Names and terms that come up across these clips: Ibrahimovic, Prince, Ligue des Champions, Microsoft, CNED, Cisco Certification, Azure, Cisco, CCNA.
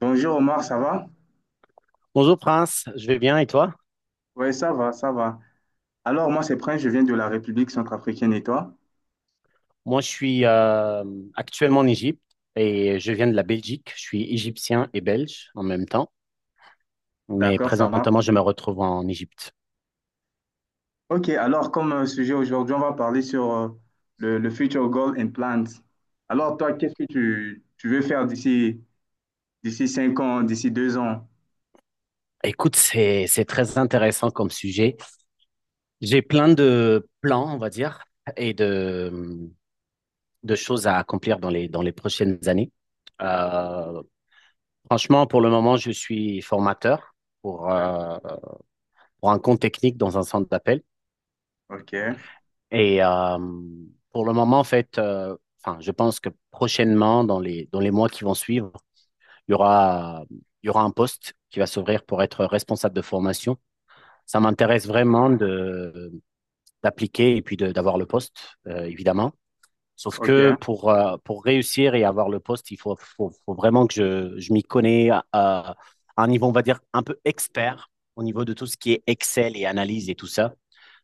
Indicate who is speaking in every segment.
Speaker 1: Bonjour Omar, ça va?
Speaker 2: Bonjour Prince, je vais bien et toi?
Speaker 1: Oui, ça va, ça va. Alors moi c'est Prince, je viens de la République centrafricaine et toi?
Speaker 2: Moi je suis actuellement en Égypte et je viens de la Belgique. Je suis égyptien et belge en même temps, mais
Speaker 1: D'accord, ça marche.
Speaker 2: présentement je me retrouve en Égypte.
Speaker 1: Ok, alors comme sujet aujourd'hui, on va parler sur le Future Goal and Plans. Alors toi, qu'est-ce que tu veux faire d'ici cinq ans, d'ici deux ans?
Speaker 2: Écoute, c'est très intéressant comme sujet. J'ai plein de plans, on va dire, et de choses à accomplir dans les prochaines années.
Speaker 1: Ok,
Speaker 2: Euh, Franchement, pour le moment, je suis formateur pour
Speaker 1: d'ac-
Speaker 2: euh, pour un compte technique dans un centre d'appel.
Speaker 1: ok.
Speaker 2: Et euh, pour le moment, en fait, enfin, je pense que prochainement, dans les mois qui vont suivre, il y aura, il y aura un poste qui va s'ouvrir pour être responsable de formation. Ça m'intéresse vraiment d'appliquer et puis d'avoir le poste, évidemment. Sauf que
Speaker 1: Ok.
Speaker 2: pour réussir et avoir le poste, il faut vraiment que je m'y connais à un niveau, on va dire, un peu expert au niveau de tout ce qui est Excel et analyse et tout ça.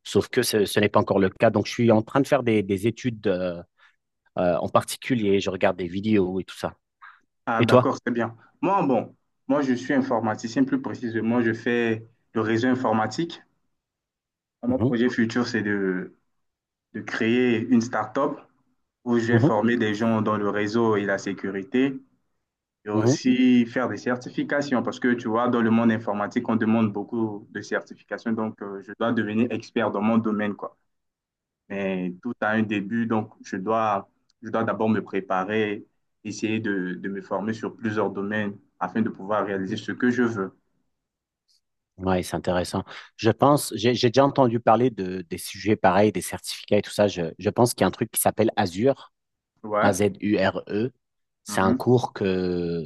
Speaker 2: Sauf que ce n'est pas encore le cas. Donc, je suis en train de faire des études en particulier. Je regarde des vidéos et tout ça.
Speaker 1: Ah
Speaker 2: Et toi?
Speaker 1: d'accord, c'est bien. Moi, bon, moi je suis informaticien, plus précisément, je fais le réseau informatique. Mon
Speaker 2: Mhm,
Speaker 1: projet futur, de créer une start-up où j'ai
Speaker 2: mhm,
Speaker 1: formé des gens dans le réseau et la sécurité, et
Speaker 2: mhm,
Speaker 1: aussi faire des certifications, parce que tu vois, dans le monde informatique, on demande beaucoup de certifications, donc je dois devenir expert dans mon domaine, quoi. Mais tout a un début, je dois d'abord me préparer, essayer de me former sur plusieurs domaines afin de pouvoir
Speaker 2: mhm.
Speaker 1: réaliser ce que je veux.
Speaker 2: Ouais, c'est intéressant. Je pense, j'ai déjà entendu parler des sujets pareils, des certificats et tout ça. Je pense qu'il y a un truc qui s'appelle Azure,
Speaker 1: Ouais,
Speaker 2: Azure. C'est un
Speaker 1: mhm.
Speaker 2: cours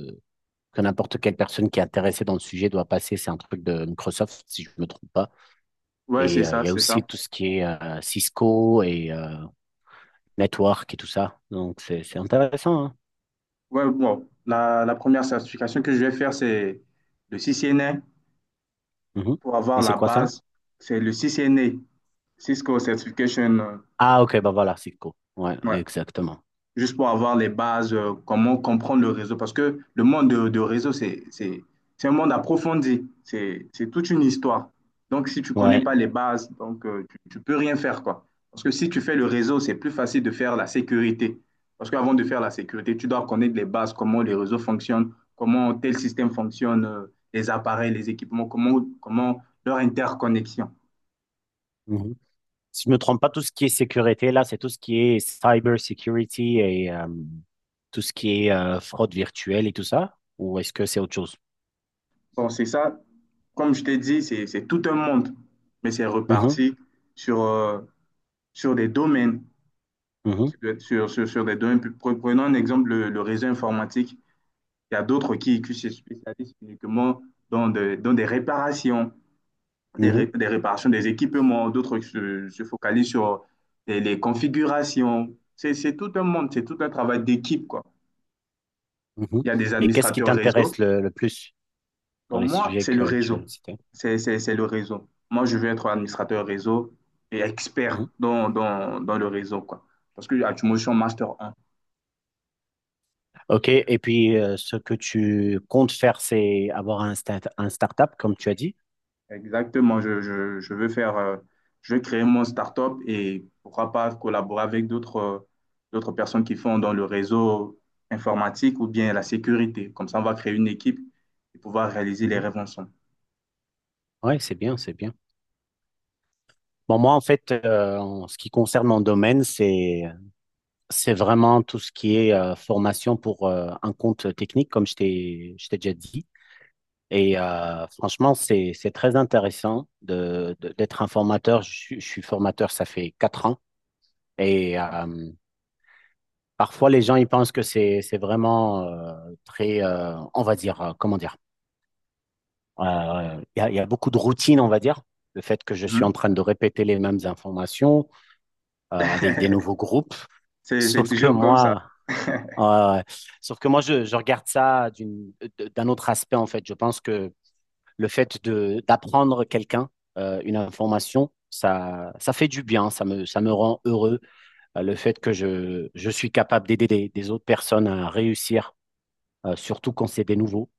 Speaker 2: que n'importe quelle personne qui est intéressée dans le sujet doit passer. C'est un truc de Microsoft, si je ne me trompe pas.
Speaker 1: Ouais, c'est
Speaker 2: Il
Speaker 1: ça,
Speaker 2: y a
Speaker 1: c'est ça.
Speaker 2: aussi tout ce qui est Cisco network et tout ça. Donc, c'est intéressant, hein.
Speaker 1: Ouais, bon, la première certification que je vais faire, c'est le CCNA,
Speaker 2: Mhm.
Speaker 1: pour avoir
Speaker 2: Et c'est
Speaker 1: la
Speaker 2: quoi ça?
Speaker 1: base, c'est le CCNA, Cisco Certification,
Speaker 2: Ah, ok, bah voilà, c'est cool. Ouais,
Speaker 1: ouais,
Speaker 2: exactement.
Speaker 1: juste pour avoir les bases, comment comprendre le réseau. Parce que le monde de réseau, c'est un monde approfondi, c'est toute une histoire. Donc, si tu ne connais
Speaker 2: Ouais.
Speaker 1: pas les bases, donc, tu peux rien faire, quoi. Parce que si tu fais le réseau, c'est plus facile de faire la sécurité. Parce qu'avant de faire la sécurité, tu dois connaître les bases, comment les réseaux fonctionnent, comment tel système fonctionne, les appareils, les équipements, comment leur interconnexion.
Speaker 2: Mhm. Si je me trompe pas, tout ce qui est sécurité, là, c'est tout ce qui est cyber security tout ce qui est fraude virtuelle et tout ça? Ou est-ce que c'est autre chose?
Speaker 1: Bon, c'est ça. Comme je t'ai dit, c'est tout un monde, mais c'est
Speaker 2: Mhm,
Speaker 1: reparti sur, sur des domaines,
Speaker 2: mhm,
Speaker 1: sur des domaines. Prenons un exemple, le réseau informatique. Il y a d'autres qui se spécialisent uniquement dans des réparations,
Speaker 2: mhm,
Speaker 1: des réparations des équipements, d'autres qui se focalisent sur les configurations. C'est tout un monde, c'est tout un travail d'équipe, quoi.
Speaker 2: mhm.
Speaker 1: Il y a des
Speaker 2: Et qu'est-ce qui
Speaker 1: administrateurs réseau.
Speaker 2: t'intéresse le plus dans
Speaker 1: Bon,
Speaker 2: les
Speaker 1: moi,
Speaker 2: sujets
Speaker 1: c'est le
Speaker 2: que tu viens de
Speaker 1: réseau.
Speaker 2: citer?
Speaker 1: C'est le réseau. Moi, je veux être administrateur réseau et expert
Speaker 2: Mhm.
Speaker 1: dans le réseau, quoi. Parce que actuellement, je suis en Master 1.
Speaker 2: OK, et puis ce que tu comptes faire, c'est avoir un start-up, comme tu as dit.
Speaker 1: Exactement, je veux faire, je veux créer mon startup et pourquoi pas collaborer avec d'autres d'autres personnes qui font dans le réseau informatique ou bien la sécurité. Comme ça, on va créer une équipe et pouvoir réaliser les rêves ensemble.
Speaker 2: Oui, c'est bien, c'est bien. Bon, moi, en fait, en ce qui concerne mon domaine, c'est vraiment tout ce qui est formation pour un compte technique, comme je je t'ai déjà dit. Franchement, c'est très intéressant d'être un formateur. Je suis formateur, ça fait 4 ans. Et euh, Parfois, les gens, ils pensent que c'est vraiment très, on va dire, comment dire, il il y a beaucoup de routine, on va dire. Le fait que je suis en
Speaker 1: Mhm.
Speaker 2: train de répéter les mêmes informations avec des nouveaux groupes.
Speaker 1: C'est
Speaker 2: Sauf que
Speaker 1: toujours comme ça.
Speaker 2: moi, euh, sauf que moi, je regarde ça d'un autre aspect, en fait. Je pense que le fait de d'apprendre quelqu'un une information, ça fait du bien, ça me rend heureux. Le fait que je suis capable d'aider des autres personnes à réussir, surtout quand c'est des nouveaux.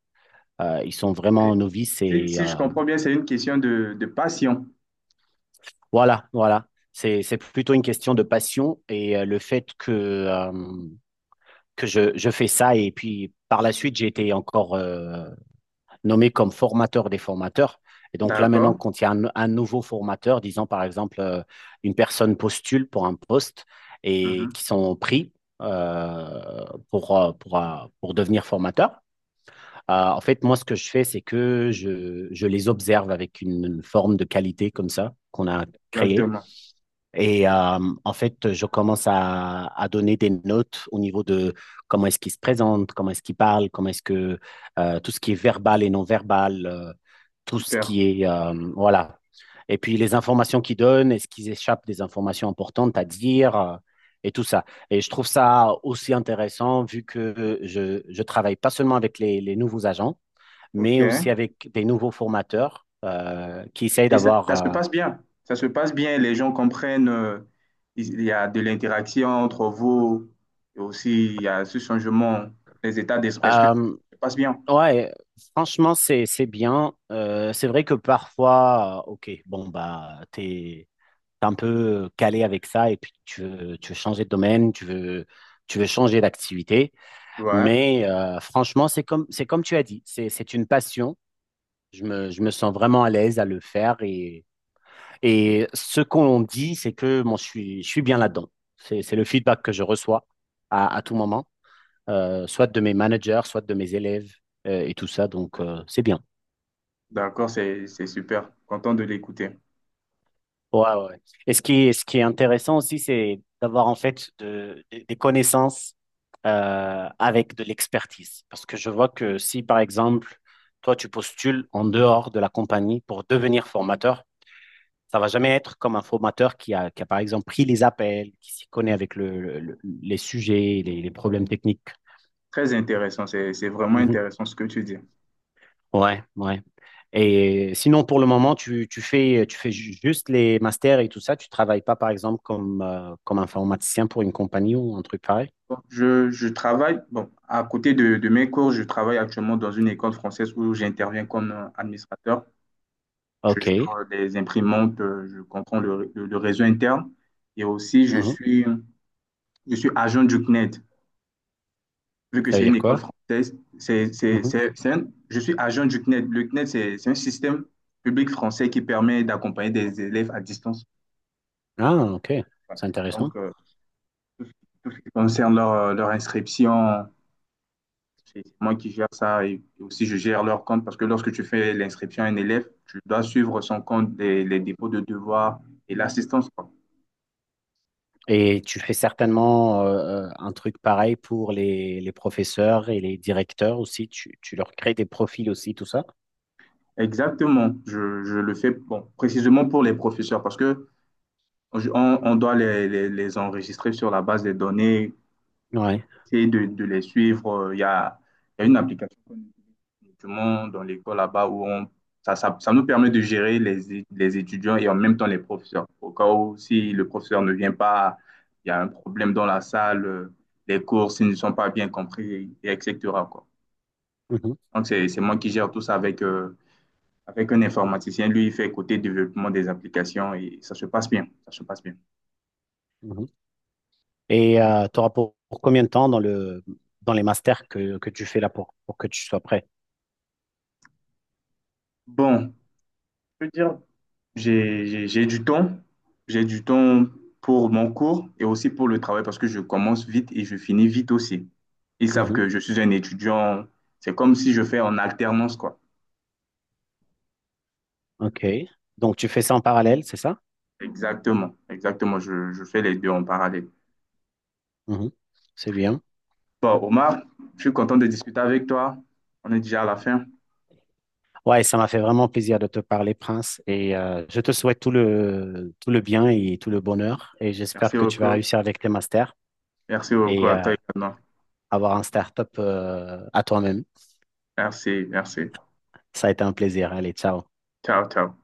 Speaker 2: Ils sont vraiment novices
Speaker 1: Si, si je comprends bien, c'est une question de passion.
Speaker 2: voilà, voilà. C'est plutôt une question de passion et le fait que je fais ça et puis par la suite, j'ai été encore nommé comme formateur des formateurs. Et donc là, maintenant,
Speaker 1: D'accord.
Speaker 2: quand il y a un nouveau formateur, disons par exemple, une personne postule pour un poste et
Speaker 1: Mhm.
Speaker 2: qui sont pris euh, pour devenir formateur. En fait, moi, ce que je fais, c'est que je les observe avec une forme de qualité comme ça qu'on a créée.
Speaker 1: Exactement.
Speaker 2: Et euh, En fait, je commence à donner des notes au niveau de comment est-ce qu'il se présente, comment est-ce qu'il parle, comment est-ce que tout ce qui est verbal et non verbal, tout ce
Speaker 1: Super.
Speaker 2: qui est voilà. Et puis les informations qu'ils donnent, est-ce qu'ils échappent des informations importantes à dire et tout ça. Et je trouve ça aussi intéressant vu que je travaille pas seulement avec les nouveaux agents, mais
Speaker 1: OK.
Speaker 2: aussi avec des nouveaux formateurs qui essayent
Speaker 1: Et ça,
Speaker 2: d'avoir
Speaker 1: ça se passe bien. Ça se passe bien. Les gens comprennent, il y a de l'interaction entre vous. Et aussi, il y a ce changement des états d'esprit. Est-ce que
Speaker 2: euh,
Speaker 1: ça se passe bien?
Speaker 2: Ouais, franchement, c'est bien. C'est vrai que parfois, ok, bon bah t'es un peu calé avec ça et puis tu veux changer de domaine, tu veux changer d'activité.
Speaker 1: Ouais.
Speaker 2: Mais franchement, c'est comme tu as dit, c'est une passion. Je me sens vraiment à l'aise à le faire et ce qu'on dit, c'est que moi je suis bien là-dedans. C'est le feedback que je reçois à tout moment, soit de mes managers, soit de mes élèves et tout ça. Donc c'est bien.
Speaker 1: D'accord. C'est super. Content de l'écouter.
Speaker 2: Ouais, ouais, ouais. Et ce qui est intéressant aussi, c'est d'avoir en fait des connaissances avec de l'expertise. Parce que je vois que si, par exemple, toi, tu postules en dehors de la compagnie pour devenir formateur, ça va jamais être comme un formateur qui qui a par exemple, pris les appels, qui s'y connaît avec les sujets, les problèmes techniques.
Speaker 1: Très intéressant. C'est vraiment
Speaker 2: Mhm.
Speaker 1: intéressant ce que tu dis.
Speaker 2: Ouais, ouais. Et sinon, pour le moment, tu fais juste les masters et tout ça. Tu travailles pas, par exemple, comme, comme informaticien pour une compagnie ou un truc pareil.
Speaker 1: Bon, je travaille, bon, à côté de mes cours, je travaille actuellement dans une école française où j'interviens comme administrateur. Je gère
Speaker 2: OK.
Speaker 1: les imprimantes, je comprends le réseau interne et aussi
Speaker 2: Mhm.
Speaker 1: je suis agent du CNED. Vu que
Speaker 2: Ça veut
Speaker 1: c'est une
Speaker 2: dire
Speaker 1: école
Speaker 2: quoi?
Speaker 1: française,
Speaker 2: Mhm.
Speaker 1: je suis agent du CNED. Le CNED, c'est un système public français qui permet d'accompagner des élèves à distance.
Speaker 2: Ah, OK.
Speaker 1: Voilà.
Speaker 2: C'est intéressant.
Speaker 1: Donc, tout ce tout ce qui concerne leur inscription, c'est moi qui gère ça et aussi je gère leur compte parce que lorsque tu fais l'inscription à un élève, tu dois suivre son compte, les dépôts de devoirs et l'assistance, quoi.
Speaker 2: Et tu fais certainement un truc pareil pour les professeurs et les directeurs aussi. Tu leur crées des profils aussi, tout ça.
Speaker 1: Exactement, je le fais bon, précisément pour les professeurs parce que on doit les enregistrer sur la base des données,
Speaker 2: Ouais.
Speaker 1: essayer de les suivre. Il y a une application, justement dans l'école là-bas où on, ça nous permet de gérer les étudiants et en même temps les professeurs. Au cas où, si le professeur ne vient pas, il y a un problème dans la salle, les cours, s'ils ne sont pas bien compris, et etc., quoi.
Speaker 2: Mhm.
Speaker 1: Donc, c'est moi qui gère tout ça avec, avec un informaticien. Lui, il fait côté développement des applications et ça se passe bien. Ça se passe bien.
Speaker 2: Mhm. Et tu auras pour combien de temps dans dans les masters que tu fais là pour que tu sois prêt?
Speaker 1: Bon, je peux dire, J'ai j'ai- j'ai du temps, j'ai du temps pour mon cours et aussi pour le travail parce que je commence vite et je finis vite aussi. Ils savent
Speaker 2: Mhm.
Speaker 1: que je suis un étudiant, c'est comme si je fais en alternance, quoi.
Speaker 2: OK. Donc, tu fais ça en parallèle, c'est ça?
Speaker 1: Exactement, exactement, je fais les deux en parallèle.
Speaker 2: Mhm. C'est bien.
Speaker 1: Bon, Omar, je suis content de discuter avec toi. On est déjà à la fin.
Speaker 2: Ouais, ça m'a fait vraiment plaisir de te parler, Prince. Et je te souhaite tout le bien et tout le bonheur. Et j'espère
Speaker 1: Merci
Speaker 2: que tu vas
Speaker 1: beaucoup.
Speaker 2: réussir avec tes masters
Speaker 1: Merci beaucoup
Speaker 2: et
Speaker 1: à
Speaker 2: euh,
Speaker 1: toi également.
Speaker 2: avoir un start-up à toi-même.
Speaker 1: Merci, merci.
Speaker 2: Ça a été un plaisir. Allez, ciao.
Speaker 1: Ciao, ciao.